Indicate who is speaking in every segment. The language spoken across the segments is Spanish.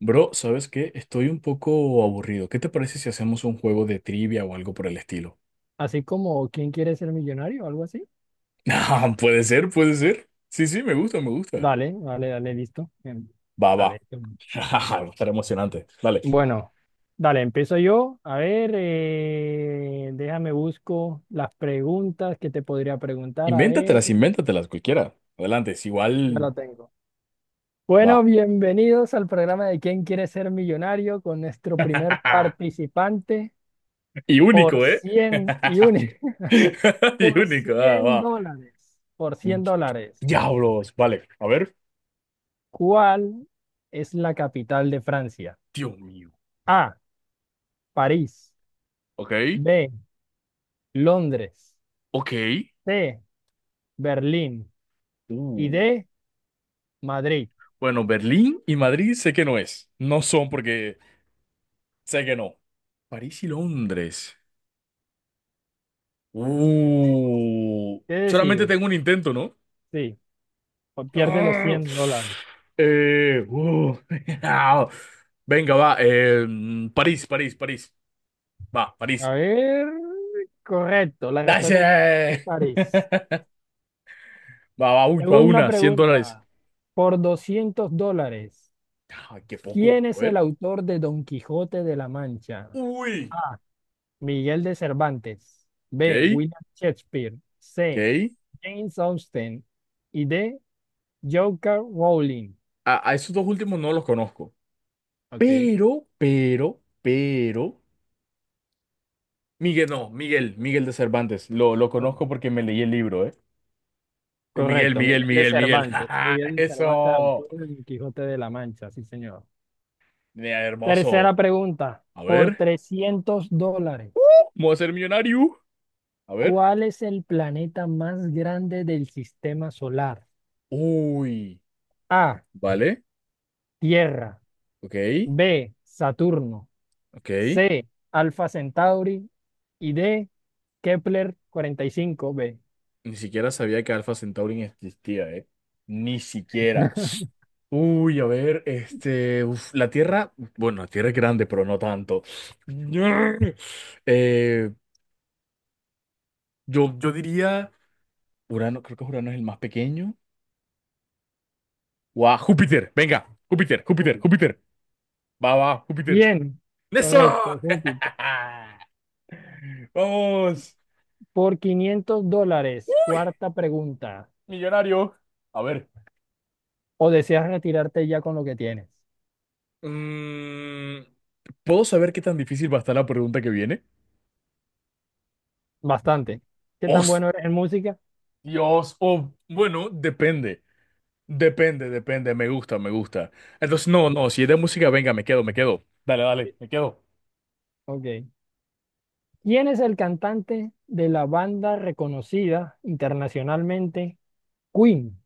Speaker 1: Bro, ¿sabes qué? Estoy un poco aburrido. ¿Qué te parece si hacemos un juego de trivia o algo por el estilo?
Speaker 2: Así como ¿Quién quiere ser millonario? O algo así.
Speaker 1: Ah, puede ser, puede ser. Sí, sí, me gusta, me gusta.
Speaker 2: Dale, dale, dale, listo.
Speaker 1: Va, va.
Speaker 2: Dale.
Speaker 1: Va a estar emocionante. Dale.
Speaker 2: Bueno, dale, empiezo yo. A ver, déjame busco las preguntas que te podría preguntar. A ver,
Speaker 1: Invéntatelas, invéntatelas, cualquiera. Adelante, es
Speaker 2: ya
Speaker 1: igual.
Speaker 2: la tengo. Bueno,
Speaker 1: Va.
Speaker 2: bienvenidos al programa de ¿Quién quiere ser millonario? Con nuestro primer participante
Speaker 1: Y
Speaker 2: por
Speaker 1: único, ¿eh?
Speaker 2: 100 y un,
Speaker 1: Y
Speaker 2: por
Speaker 1: único, ah,
Speaker 2: 100
Speaker 1: va.
Speaker 2: dólares. Por $100.
Speaker 1: Diablos. Vale, a ver.
Speaker 2: ¿Cuál es la capital de Francia?
Speaker 1: Dios mío.
Speaker 2: A. París,
Speaker 1: Ok,
Speaker 2: B, Londres,
Speaker 1: ok.
Speaker 2: C, Berlín y
Speaker 1: Uh.
Speaker 2: D, Madrid.
Speaker 1: Bueno, Berlín y Madrid sé que no es. No son porque sé que no. París y Londres.
Speaker 2: ¿Qué
Speaker 1: Solamente
Speaker 2: decides?
Speaker 1: tengo un intento, ¿no?
Speaker 2: Sí, o pierdes los
Speaker 1: Ah,
Speaker 2: $100.
Speaker 1: eh, uh, Venga, va. París, París, París. Va,
Speaker 2: A
Speaker 1: París.
Speaker 2: ver, correcto, la respuesta correcta es
Speaker 1: ¡Dale!
Speaker 2: París.
Speaker 1: Va, va, uy, va
Speaker 2: Segunda
Speaker 1: una, $100.
Speaker 2: pregunta, por $200,
Speaker 1: Ah, qué poco.
Speaker 2: ¿quién
Speaker 1: A
Speaker 2: es el
Speaker 1: ver.
Speaker 2: autor de Don Quijote de la Mancha?
Speaker 1: Uy.
Speaker 2: A, Miguel de Cervantes,
Speaker 1: Ok,
Speaker 2: B, William Shakespeare, C,
Speaker 1: ok.
Speaker 2: James Austen y D, Joker Rowling.
Speaker 1: A esos dos últimos no los conozco.
Speaker 2: Ok.
Speaker 1: Pero, pero. Miguel, no, Miguel, Miguel de Cervantes. Lo
Speaker 2: Ok.
Speaker 1: conozco porque me leí el libro, ¿eh? Miguel,
Speaker 2: Correcto,
Speaker 1: Miguel,
Speaker 2: Miguel de
Speaker 1: Miguel, Miguel.
Speaker 2: Cervantes.
Speaker 1: ¡Ajá!
Speaker 2: Miguel de Cervantes,
Speaker 1: Eso.
Speaker 2: autor del Quijote de la Mancha, sí, señor.
Speaker 1: Mira, hermoso.
Speaker 2: Tercera pregunta,
Speaker 1: A
Speaker 2: por
Speaker 1: ver.
Speaker 2: $300,
Speaker 1: ¿Cómo a ser millonario? A ver.
Speaker 2: ¿cuál es el planeta más grande del sistema solar?
Speaker 1: Uy.
Speaker 2: A,
Speaker 1: Vale.
Speaker 2: Tierra,
Speaker 1: Ok.
Speaker 2: B, Saturno,
Speaker 1: Ok.
Speaker 2: C, Alfa Centauri y D, Kepler 45b.
Speaker 1: Ni siquiera sabía que Alpha Centauri existía, ¿eh? Ni siquiera. Uy, a ver. La Tierra. Bueno, la Tierra es grande, pero no tanto. Eh, yo diría. Urano. Creo que Urano es el más pequeño. ¡Guau! Júpiter. Venga. Júpiter, Júpiter,
Speaker 2: Júpiter.
Speaker 1: Júpiter. Va, va, Júpiter.
Speaker 2: Bien,
Speaker 1: ¡Eso!
Speaker 2: correcto, Júpiter.
Speaker 1: Vamos.
Speaker 2: Por $500,
Speaker 1: Uy,
Speaker 2: cuarta pregunta,
Speaker 1: millonario. A ver,
Speaker 2: ¿o deseas retirarte ya con lo que tienes?
Speaker 1: Mm, ¿puedo saber qué tan difícil va a estar la pregunta que viene?
Speaker 2: Bastante. ¿Qué tan
Speaker 1: Os
Speaker 2: bueno eres en música?
Speaker 1: dios Oh, bueno, depende. Depende, depende. Me gusta, me gusta. Entonces, no, no, si es de música, venga, me quedo, me quedo. Dale, dale,
Speaker 2: Sí.
Speaker 1: me quedo.
Speaker 2: Ok. ¿Quién es el cantante de la banda reconocida internacionalmente Queen?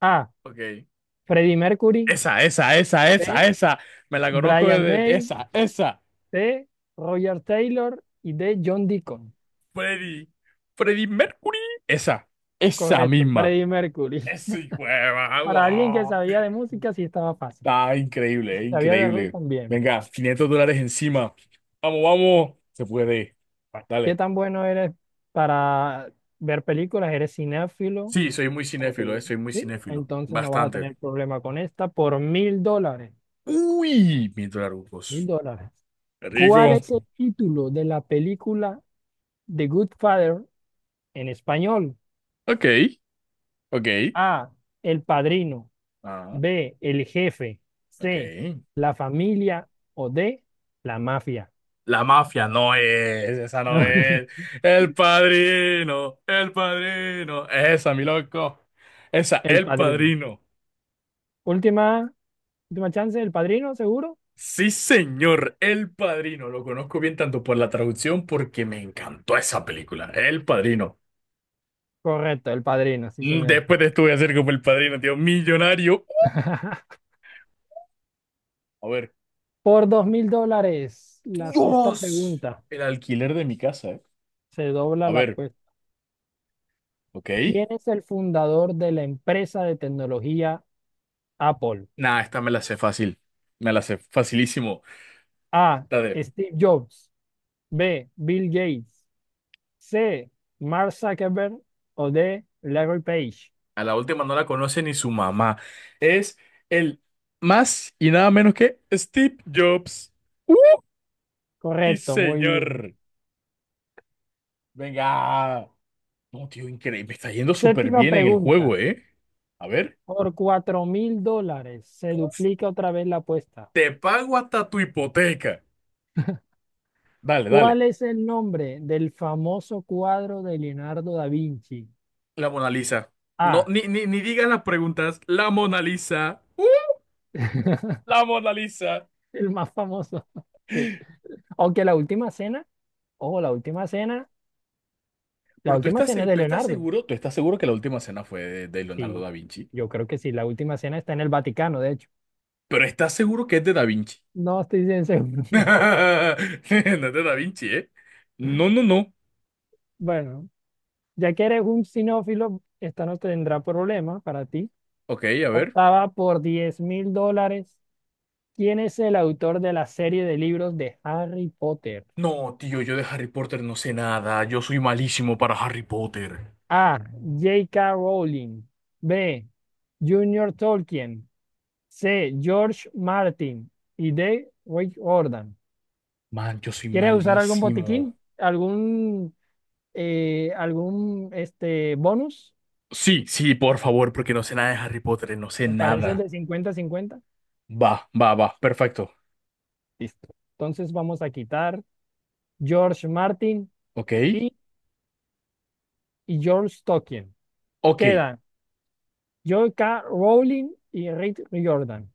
Speaker 2: A.
Speaker 1: Ok.
Speaker 2: Freddie Mercury.
Speaker 1: Esa, esa, esa, esa,
Speaker 2: B.
Speaker 1: esa. Me la conozco
Speaker 2: Brian
Speaker 1: desde
Speaker 2: May.
Speaker 1: esa, esa.
Speaker 2: C. Roger Taylor. Y D. John Deacon.
Speaker 1: Freddy. Freddy Mercury. Esa, esa
Speaker 2: Correcto,
Speaker 1: misma.
Speaker 2: Freddie Mercury.
Speaker 1: Ese hijo de
Speaker 2: Para alguien que
Speaker 1: madre.
Speaker 2: sabía de música, sí estaba fácil.
Speaker 1: Ah, increíble,
Speaker 2: Sabía de rock
Speaker 1: increíble.
Speaker 2: también.
Speaker 1: Venga, $500 encima. Vamos, vamos. Se puede.
Speaker 2: Bueno, ¿qué
Speaker 1: Dale.
Speaker 2: tan bueno eres para ver películas? ¿Eres cinéfilo?
Speaker 1: Sí, soy muy
Speaker 2: Espérate,
Speaker 1: cinéfilo,
Speaker 2: güey.
Speaker 1: soy muy
Speaker 2: ¿Sí?
Speaker 1: cinéfilo.
Speaker 2: Entonces no vas a
Speaker 1: Bastante.
Speaker 2: tener problema con esta por $1,000.
Speaker 1: Uy, mil
Speaker 2: Mil
Speaker 1: dolarucos.
Speaker 2: dólares.
Speaker 1: Qué
Speaker 2: ¿Cuál
Speaker 1: rico.
Speaker 2: es el título de la película The Good Father en español?
Speaker 1: Ok, ok.
Speaker 2: A. El Padrino.
Speaker 1: Ah,
Speaker 2: B. El Jefe.
Speaker 1: ok.
Speaker 2: C. La Familia. O D. La Mafia.
Speaker 1: La mafia no es, esa no es. El padrino, el padrino. Esa, mi loco. Esa,
Speaker 2: El
Speaker 1: el
Speaker 2: Padrino.
Speaker 1: padrino.
Speaker 2: Última, última chance, El Padrino, seguro.
Speaker 1: Sí, señor, El Padrino. Lo conozco bien tanto por la traducción porque me encantó esa película, El Padrino.
Speaker 2: Correcto, El Padrino, sí, señor.
Speaker 1: Después de esto voy a ser como El Padrino, tío, millonario. A ver,
Speaker 2: Por $2,000, la sexta
Speaker 1: Dios,
Speaker 2: pregunta.
Speaker 1: el alquiler de mi casa, ¿eh?
Speaker 2: Se dobla
Speaker 1: A
Speaker 2: la
Speaker 1: ver,
Speaker 2: apuesta.
Speaker 1: ok.
Speaker 2: ¿Quién es el fundador de la empresa de tecnología Apple?
Speaker 1: Nah, esta me la sé fácil, me la sé facilísimo.
Speaker 2: A.
Speaker 1: La de,
Speaker 2: Steve Jobs. B. Bill Gates. C. Mark Zuckerberg. O D. Larry Page.
Speaker 1: a la última no la conoce ni su mamá. Es el más y nada menos que Steve Jobs. ¡Uh! Sí,
Speaker 2: Correcto, muy bien.
Speaker 1: señor. Venga. No, tío, increíble. Me está yendo súper
Speaker 2: Séptima
Speaker 1: bien en el
Speaker 2: pregunta.
Speaker 1: juego, ¿eh? A ver.
Speaker 2: Por $4,000 se duplica otra vez la apuesta.
Speaker 1: Te pago hasta tu hipoteca. Dale, dale.
Speaker 2: ¿Cuál es el nombre del famoso cuadro de Leonardo da Vinci?
Speaker 1: La Mona Lisa. No,
Speaker 2: A.
Speaker 1: ni, ni, ni digas las preguntas. La Mona Lisa. ¡Uh! La Mona Lisa.
Speaker 2: El más famoso. Sí. Aunque la última cena, ojo, la
Speaker 1: Pero
Speaker 2: última cena es de Leonardo.
Speaker 1: tú estás seguro que la última cena fue de Leonardo
Speaker 2: Sí,
Speaker 1: da Vinci.
Speaker 2: yo creo que sí. La última cena está en el Vaticano, de hecho.
Speaker 1: Pero estás seguro que es de Da Vinci.
Speaker 2: No estoy bien seguro.
Speaker 1: No es de Da Vinci, ¿eh? No, no, no.
Speaker 2: Bueno, ya que eres un sinófilo, esta no tendrá problema para ti.
Speaker 1: Ok, a ver.
Speaker 2: Octava por $10,000. ¿Quién es el autor de la serie de libros de Harry Potter?
Speaker 1: No, tío, yo de Harry Potter no sé nada. Yo soy malísimo para Harry Potter.
Speaker 2: A. J K Rowling. B. Junior Tolkien. C. George Martin. Y D. Rick Jordan.
Speaker 1: Man, yo soy
Speaker 2: ¿Quieres usar algún
Speaker 1: malísimo.
Speaker 2: botiquín? ¿Algún este, bonus,
Speaker 1: Sí, sí, por favor, porque no sé nada de Harry Potter, no sé
Speaker 2: me parece el
Speaker 1: nada.
Speaker 2: de 50-50.
Speaker 1: Va, va, va, perfecto.
Speaker 2: Listo. Entonces vamos a quitar George Martin
Speaker 1: Ok,
Speaker 2: y, y George Tolkien.
Speaker 1: ok.
Speaker 2: Quedan Joe K. Rowling y Rick Riordan.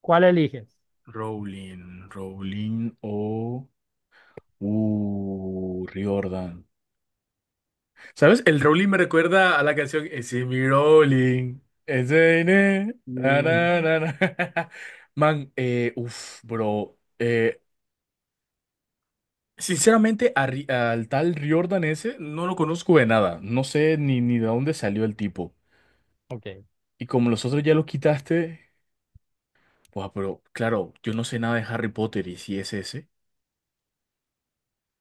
Speaker 2: ¿Cuál eliges?
Speaker 1: Rowling, Rowling o... Riordan. ¿Sabes? El Rowling me recuerda a la canción It's in me Rowling. It's in na, na,
Speaker 2: Y-
Speaker 1: na, na. Man, bro. Sinceramente, a al tal Riordan ese no lo conozco de nada. No sé ni de dónde salió el tipo.
Speaker 2: Ok,
Speaker 1: Y como los otros ya los quitaste, pues, pero claro, yo no sé nada de Harry Potter y si es ese.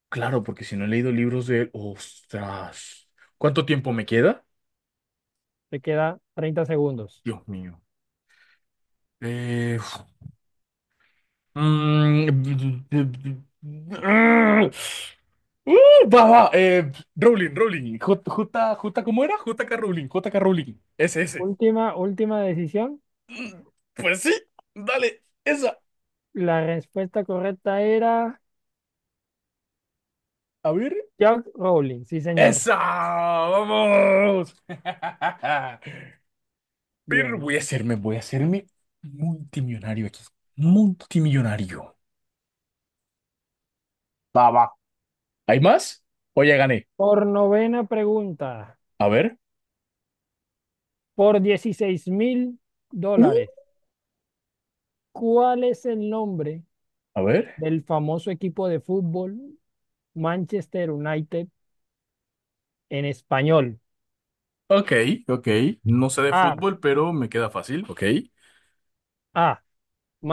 Speaker 1: Claro, porque si no he leído libros de él, ostras. ¿Cuánto tiempo me queda?
Speaker 2: te queda 30 segundos.
Speaker 1: Dios mío. Eh, mm, va, va, Rowling, Rowling, ¿cómo era? JK Rowling, JK Rowling, ese, ese.
Speaker 2: Última, última decisión.
Speaker 1: Pues sí, dale, esa,
Speaker 2: La respuesta correcta era
Speaker 1: a ver,
Speaker 2: George Rowling, sí señor.
Speaker 1: esa, vamos. Pero
Speaker 2: Bien.
Speaker 1: voy a hacerme multimillonario aquí. Multimillonario. Va, va. ¿Hay más? O ya gané.
Speaker 2: Por novena pregunta,
Speaker 1: A ver.
Speaker 2: por dieciséis mil
Speaker 1: Mm.
Speaker 2: dólares. ¿Cuál es el nombre
Speaker 1: A ver.
Speaker 2: del famoso equipo de fútbol Manchester United en español?
Speaker 1: Ok, ok. No sé de
Speaker 2: A.
Speaker 1: fútbol, pero me queda fácil. Ok.
Speaker 2: A.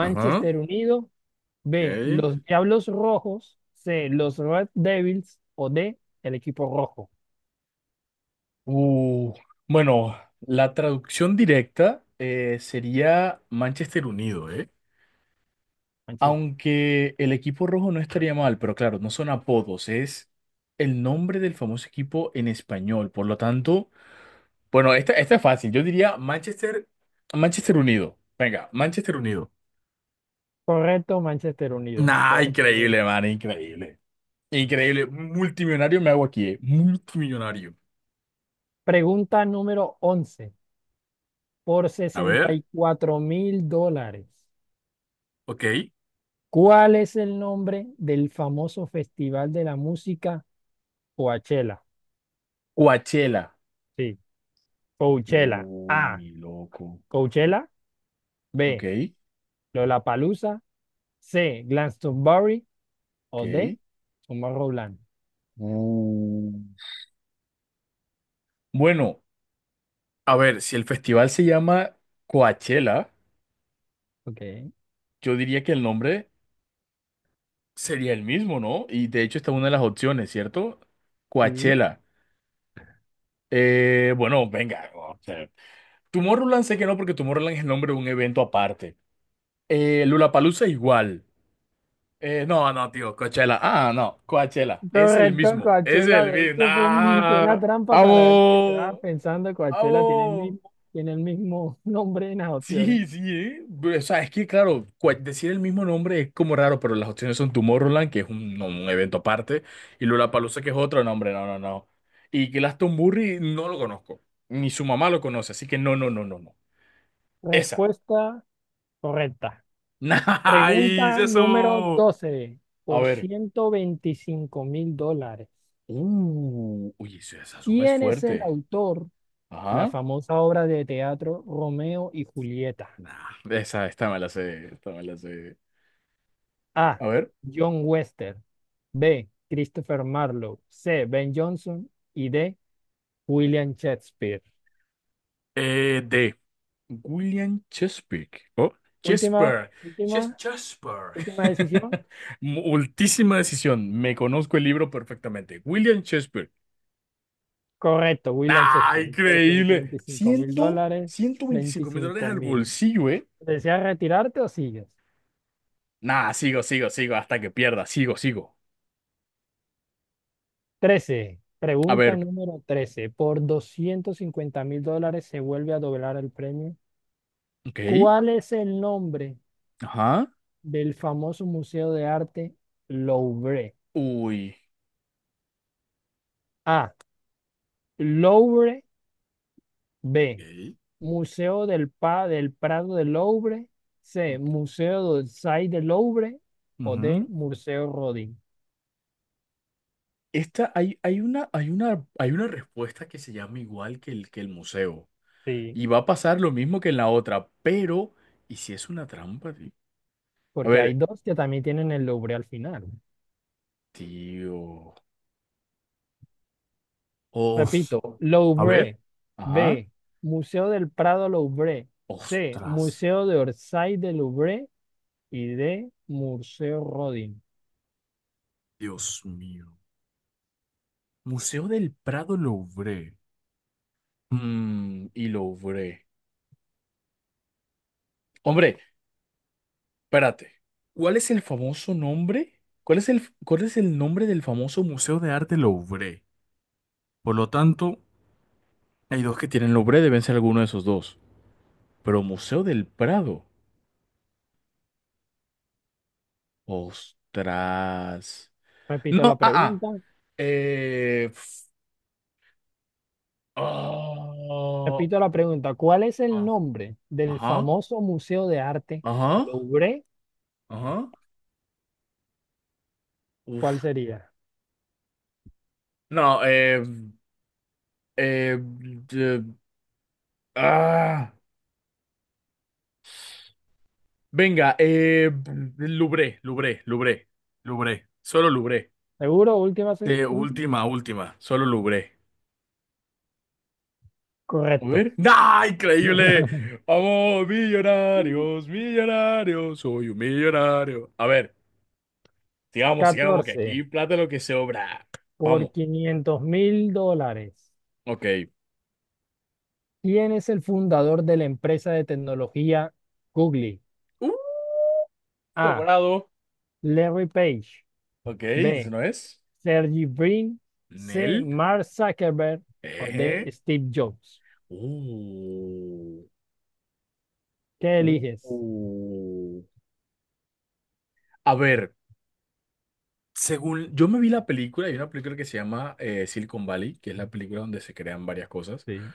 Speaker 1: Ajá.
Speaker 2: Unido. B.
Speaker 1: Ok.
Speaker 2: Los Diablos Rojos. C. Los Red Devils. O D. El equipo rojo.
Speaker 1: Uh, bueno, la traducción directa sería Manchester Unido, ¿eh?
Speaker 2: Manches-
Speaker 1: Aunque el equipo rojo no estaría mal, pero claro, no son apodos, es el nombre del famoso equipo en español. Por lo tanto. Bueno, esta es fácil. Yo diría Manchester, Manchester Unido. Venga, Manchester Unido.
Speaker 2: Correcto, Manchester Unido.
Speaker 1: Nah,
Speaker 2: Correcto.
Speaker 1: increíble, man, increíble. Increíble. Multimillonario me hago aquí, eh. Multimillonario.
Speaker 2: Pregunta número 11, por
Speaker 1: A
Speaker 2: sesenta
Speaker 1: ver,
Speaker 2: y cuatro mil dólares.
Speaker 1: ok.
Speaker 2: ¿Cuál es el nombre del famoso festival de la música Coachella?
Speaker 1: Coachella.
Speaker 2: Sí. Coachella.
Speaker 1: Uy,
Speaker 2: A.
Speaker 1: mi loco.
Speaker 2: Coachella. B.
Speaker 1: Ok,
Speaker 2: Lollapalooza. C. Glastonbury. O
Speaker 1: ok.
Speaker 2: D. Tomorrowland.
Speaker 1: Uh. Bueno, a ver, si el festival se llama Coachella,
Speaker 2: Ok.
Speaker 1: yo diría que el nombre sería el mismo, ¿no? Y de hecho, esta es una de las opciones, ¿cierto?
Speaker 2: Sí.
Speaker 1: Coachella. Bueno, venga. O sea, Tomorrowland sé que no, porque Tomorrowland es el nombre de un evento aparte. Lollapalooza igual. No, no, tío, Coachella. Ah, no, Coachella. Es el
Speaker 2: Correcto,
Speaker 1: mismo. Es
Speaker 2: Coachella.
Speaker 1: el
Speaker 2: De
Speaker 1: mismo.
Speaker 2: hecho, fue una
Speaker 1: ¡Ah!
Speaker 2: trampa para ver si te quedabas
Speaker 1: ¡Vamos!
Speaker 2: pensando. Coachella
Speaker 1: ¡Vamos!
Speaker 2: tiene el mismo nombre en las opciones.
Speaker 1: Sí, sí, ¿eh? O sea, es que, claro, decir el mismo nombre es como raro, pero las opciones son Tomorrowland, que es un, no, un evento aparte, y Lollapalooza, que es otro nombre. No, no, no. Y Glastonbury no lo conozco. Ni su mamá lo conoce, así que no, no, no, no, no. Esa.
Speaker 2: Respuesta correcta.
Speaker 1: ¡Nice!
Speaker 2: Pregunta número
Speaker 1: ¡Eso!
Speaker 2: 12,
Speaker 1: A
Speaker 2: por
Speaker 1: ver.
Speaker 2: $125,000.
Speaker 1: Esa esa suma es
Speaker 2: ¿Quién es el
Speaker 1: fuerte.
Speaker 2: autor, la
Speaker 1: Ajá.
Speaker 2: famosa obra de teatro Romeo y Julieta?
Speaker 1: Nah. Esa, esta me la sé. Esta me la sé.
Speaker 2: A.
Speaker 1: A ver.
Speaker 2: John Wester. B. Christopher Marlowe. C. Ben Jonson. Y D. William Shakespeare.
Speaker 1: De William Chesapeake. Oh,
Speaker 2: Última,
Speaker 1: Chesper. Ches
Speaker 2: última,
Speaker 1: Chesper.
Speaker 2: última decisión.
Speaker 1: Multísima decisión. Me conozco el libro perfectamente. William Chesper.
Speaker 2: Correcto, William
Speaker 1: ¡Nah,
Speaker 2: Shakespeare. Por ciento
Speaker 1: increíble!
Speaker 2: veinticinco mil
Speaker 1: Ciento,
Speaker 2: dólares,
Speaker 1: 125 mil dólares
Speaker 2: veinticinco
Speaker 1: al
Speaker 2: mil.
Speaker 1: bolsillo, ¿eh?
Speaker 2: ¿Deseas retirarte o sigues?
Speaker 1: Nah, sigo, sigo, sigo hasta que pierda. Sigo, sigo.
Speaker 2: Trece
Speaker 1: A
Speaker 2: Pregunta
Speaker 1: ver.
Speaker 2: número 13, por $250,000 se vuelve a doblar el premio.
Speaker 1: Ok.
Speaker 2: ¿Cuál es el nombre
Speaker 1: Ajá.
Speaker 2: del famoso Museo de Arte Louvre?
Speaker 1: Uy.
Speaker 2: A. Louvre. B.
Speaker 1: Ok.
Speaker 2: Museo del, del Prado del Louvre. C. Museo d'Orsay del Louvre. O D.
Speaker 1: Ujú.
Speaker 2: Museo Rodin.
Speaker 1: Esta, hay una, hay una, hay una respuesta que se llama igual que que el museo.
Speaker 2: Sí,
Speaker 1: Y va a pasar lo mismo que en la otra, pero... ¿Y si es una trampa, tío? A
Speaker 2: porque hay
Speaker 1: ver,
Speaker 2: dos que también tienen el Louvre al final.
Speaker 1: tío. Os.
Speaker 2: Repito,
Speaker 1: A ver.
Speaker 2: Louvre.
Speaker 1: Ajá.
Speaker 2: B. Museo del Prado Louvre. C.
Speaker 1: Ostras.
Speaker 2: Museo de Orsay del Louvre. Y D. Museo Rodin.
Speaker 1: Dios mío. Museo del Prado Louvre. Y Louvre. Hombre, espérate, ¿cuál es el famoso nombre? ¿Cuál es el nombre del famoso Museo de Arte Louvre? Por lo tanto, hay dos que tienen Louvre, deben ser alguno de esos dos. Pero Museo del Prado. Ostras.
Speaker 2: Repito la
Speaker 1: No, ah, ah.
Speaker 2: pregunta.
Speaker 1: Eh, f- oh,
Speaker 2: Repito la pregunta, ¿cuál es el
Speaker 1: ah,
Speaker 2: nombre del
Speaker 1: ajá,
Speaker 2: famoso Museo de Arte
Speaker 1: ajá,
Speaker 2: Louvre?
Speaker 1: ajá.
Speaker 2: ¿Cuál
Speaker 1: Uf.
Speaker 2: sería?
Speaker 1: No, eh, eh, ah. Venga, Lubré, Lubré, Lubré, Lubré, solo Lubré.
Speaker 2: Seguro, última,
Speaker 1: Última, última, solo Lubré. A
Speaker 2: correcto.
Speaker 1: ver. ¡Ah, increíble! Vamos, millonarios, millonarios, soy un millonario. A ver, sigamos, sigamos, que
Speaker 2: 14,
Speaker 1: aquí plata lo que sobra.
Speaker 2: por
Speaker 1: Vamos,
Speaker 2: $500,000.
Speaker 1: ok.
Speaker 2: ¿Quién es el fundador de la empresa de tecnología Google?
Speaker 1: Uh,
Speaker 2: A.
Speaker 1: sobrado.
Speaker 2: Larry Page.
Speaker 1: Ok, ¿eso
Speaker 2: B.
Speaker 1: no es?
Speaker 2: Sergey Brin. C.
Speaker 1: Nel.
Speaker 2: Mark Zuckerberg. O D.
Speaker 1: Eje.
Speaker 2: Steve Jobs.
Speaker 1: Uh,
Speaker 2: ¿Qué
Speaker 1: uh.
Speaker 2: eliges?
Speaker 1: uh. A ver. Según yo me vi la película, hay una película que se llama Silicon Valley, que es la película donde se crean varias cosas.
Speaker 2: Sí,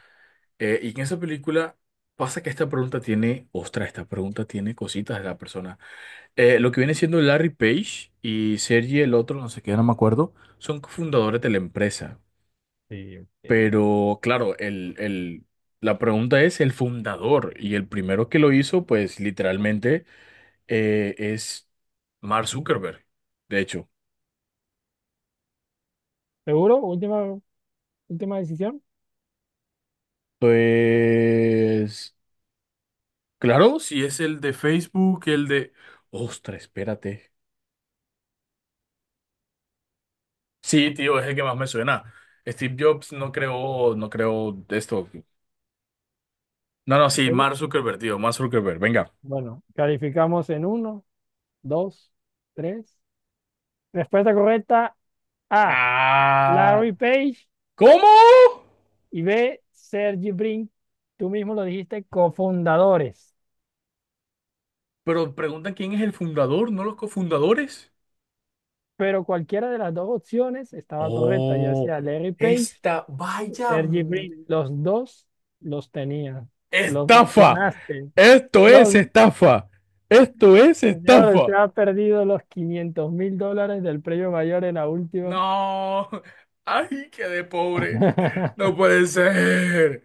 Speaker 1: Y en esa película pasa que esta pregunta tiene, ostras, esta pregunta tiene cositas de la persona. Lo que viene siendo Larry Page y Sergey, el otro, no sé qué, no me acuerdo, son cofundadores de la empresa.
Speaker 2: sí, ok.
Speaker 1: Pero claro, la pregunta es el fundador y el primero que lo hizo, pues literalmente es Mark Zuckerberg, de hecho.
Speaker 2: ¿Seguro? Última decisión.
Speaker 1: Pues... Claro, si es el de Facebook, el de... Ostras, espérate. Sí, tío, es el que más me suena. Steve Jobs no creó, no creó esto. No, no, sí,
Speaker 2: Sí.
Speaker 1: Mark Zuckerberg, tío, Mark Zuckerberg, venga.
Speaker 2: Bueno, calificamos en uno, dos, tres. Respuesta correcta, A,
Speaker 1: Ah,
Speaker 2: Larry Page
Speaker 1: ¿cómo?
Speaker 2: y B, Sergey Brin. Tú mismo lo dijiste, cofundadores.
Speaker 1: Pero pregunta quién es el fundador, no los cofundadores.
Speaker 2: Pero cualquiera de las dos opciones estaba correcta, ya
Speaker 1: Oh,
Speaker 2: sea Larry Page
Speaker 1: esta,
Speaker 2: o
Speaker 1: vaya
Speaker 2: Serge Brink. Los dos los tenías, los
Speaker 1: estafa.
Speaker 2: mencionaste.
Speaker 1: Esto es
Speaker 2: Los,
Speaker 1: estafa. Esto es
Speaker 2: ya te
Speaker 1: estafa.
Speaker 2: has perdido los $500,000 del premio mayor en la última.
Speaker 1: No, ay, qué de pobre. No puede ser.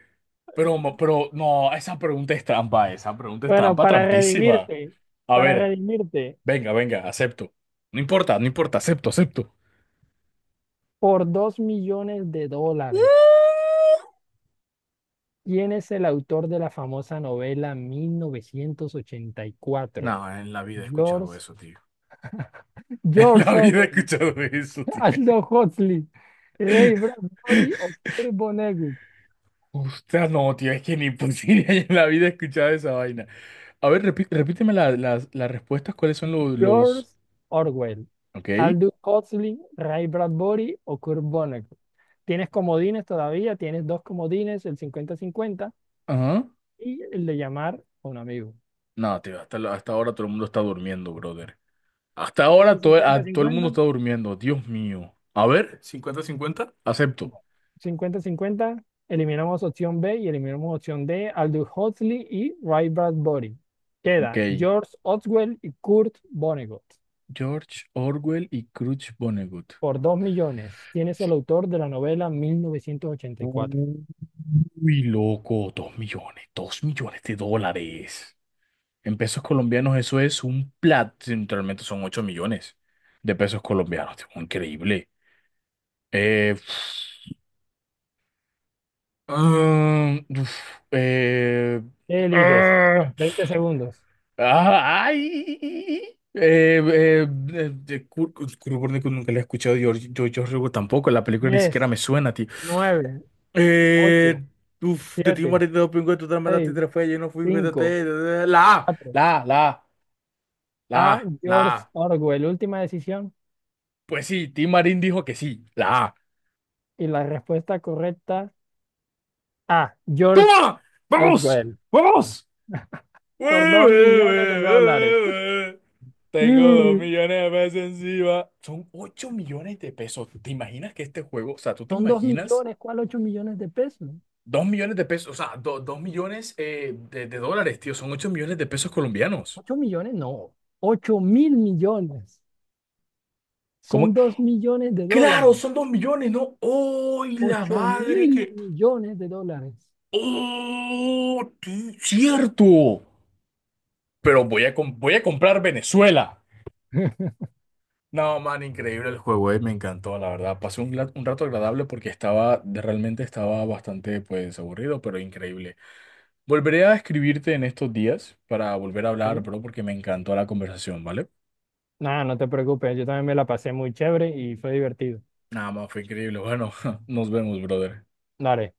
Speaker 1: Pero, no, esa pregunta es trampa, esa pregunta es
Speaker 2: Bueno,
Speaker 1: trampa, trampísima. A
Speaker 2: para
Speaker 1: ver,
Speaker 2: redimirte,
Speaker 1: venga, venga, acepto. No importa, no importa, acepto, acepto.
Speaker 2: por dos millones de
Speaker 1: Mm.
Speaker 2: dólares, ¿quién es el autor de la famosa novela 1984?
Speaker 1: No, en la vida he escuchado
Speaker 2: George,
Speaker 1: eso, tío. En
Speaker 2: George
Speaker 1: la vida he
Speaker 2: Orwell,
Speaker 1: escuchado eso, tío.
Speaker 2: Aldous Huxley, Ray Bradbury o Kurt Vonnegut.
Speaker 1: Usted no, tío, es que ni posible en la vida he escuchado esa vaina. A ver, repíteme las respuestas, ¿cuáles son
Speaker 2: George
Speaker 1: los...
Speaker 2: Orwell,
Speaker 1: Ok.
Speaker 2: Aldous Huxley, Ray Bradbury o Kurt Vonnegut. Tienes comodines todavía, tienes dos comodines, el 50-50
Speaker 1: Ajá.
Speaker 2: y el de llamar a un amigo.
Speaker 1: No, tío, hasta ahora todo el mundo está durmiendo, brother. Hasta
Speaker 2: ¿Quieres
Speaker 1: ahora
Speaker 2: el
Speaker 1: todo el mundo
Speaker 2: 50-50?
Speaker 1: está durmiendo. Dios mío. A ver, 50-50 acepto.
Speaker 2: Bueno, cincuenta 50. Eliminamos opción B y eliminamos opción D. Aldous Huxley y Ray Bradbury. Queda
Speaker 1: Ok.
Speaker 2: George Orwell y Kurt Vonnegut
Speaker 1: George Orwell y Crutch Vonnegut.
Speaker 2: por 2,000,000. ¿Quién es el autor de la novela 1984?
Speaker 1: Uy, loco, dos millones, $2 millones. En pesos colombianos eso es un plat, realmente son $8 millones colombianos. Tipo, increíble. Eh, Ah, uf, eh,
Speaker 2: ¿Qué eliges?
Speaker 1: ah,
Speaker 2: 20 segundos.
Speaker 1: ah, ay, de Kurt Vonnegut nunca la he escuchado, yo Hugo tampoco, la película ni siquiera me
Speaker 2: 10,
Speaker 1: suena, tío.
Speaker 2: 9,
Speaker 1: Eh,
Speaker 2: 8,
Speaker 1: de ti
Speaker 2: 7,
Speaker 1: morir de dopingo, tú te mataste
Speaker 2: 6,
Speaker 1: tres fue, yo no fui,
Speaker 2: 5,
Speaker 1: vete, la A,
Speaker 2: 4.
Speaker 1: la A, la A, la
Speaker 2: A.
Speaker 1: A, la
Speaker 2: George
Speaker 1: A.
Speaker 2: Orwell. Última decisión.
Speaker 1: Pues sí, Tim Marín dijo que sí, la A.
Speaker 2: Y la respuesta correcta, A. George
Speaker 1: ¡Toma! ¡Vamos!
Speaker 2: Orwell.
Speaker 1: ¡Vamos! Ue,
Speaker 2: Por dos
Speaker 1: ue,
Speaker 2: millones de
Speaker 1: ue,
Speaker 2: dólares.
Speaker 1: ue, ue. Tengo dos
Speaker 2: Mm,
Speaker 1: millones de pesos encima. Son ocho millones de pesos. ¿Te imaginas que este juego, o sea, tú te
Speaker 2: Son dos
Speaker 1: imaginas
Speaker 2: millones, ¿cuál 8,000,000 de pesos?
Speaker 1: $2 millones, o sea, 2 millones de dólares, tío, son 8 millones de pesos colombianos.
Speaker 2: ¿8,000,000? No, 8,000,000,000.
Speaker 1: ¿Cómo?
Speaker 2: Son $2,000,000.
Speaker 1: Claro, son 2 millones, ¿no? ¡Ay, la
Speaker 2: Ocho
Speaker 1: madre
Speaker 2: mil
Speaker 1: que...
Speaker 2: millones de dólares.
Speaker 1: ¡Oh, tío! ¡Cierto! Pero voy a, voy a comprar Venezuela. No, man, increíble el juego, me encantó, la verdad. Pasé un, un rato agradable porque estaba, realmente estaba bastante, pues, aburrido, pero increíble. Volveré a escribirte en estos días para volver a hablar,
Speaker 2: ¿Sí?
Speaker 1: bro, porque me encantó la conversación, ¿vale?
Speaker 2: Nada, no te preocupes, yo también me la pasé muy chévere y fue divertido.
Speaker 1: Nada más, fue increíble. Bueno, nos vemos, brother.
Speaker 2: Dale.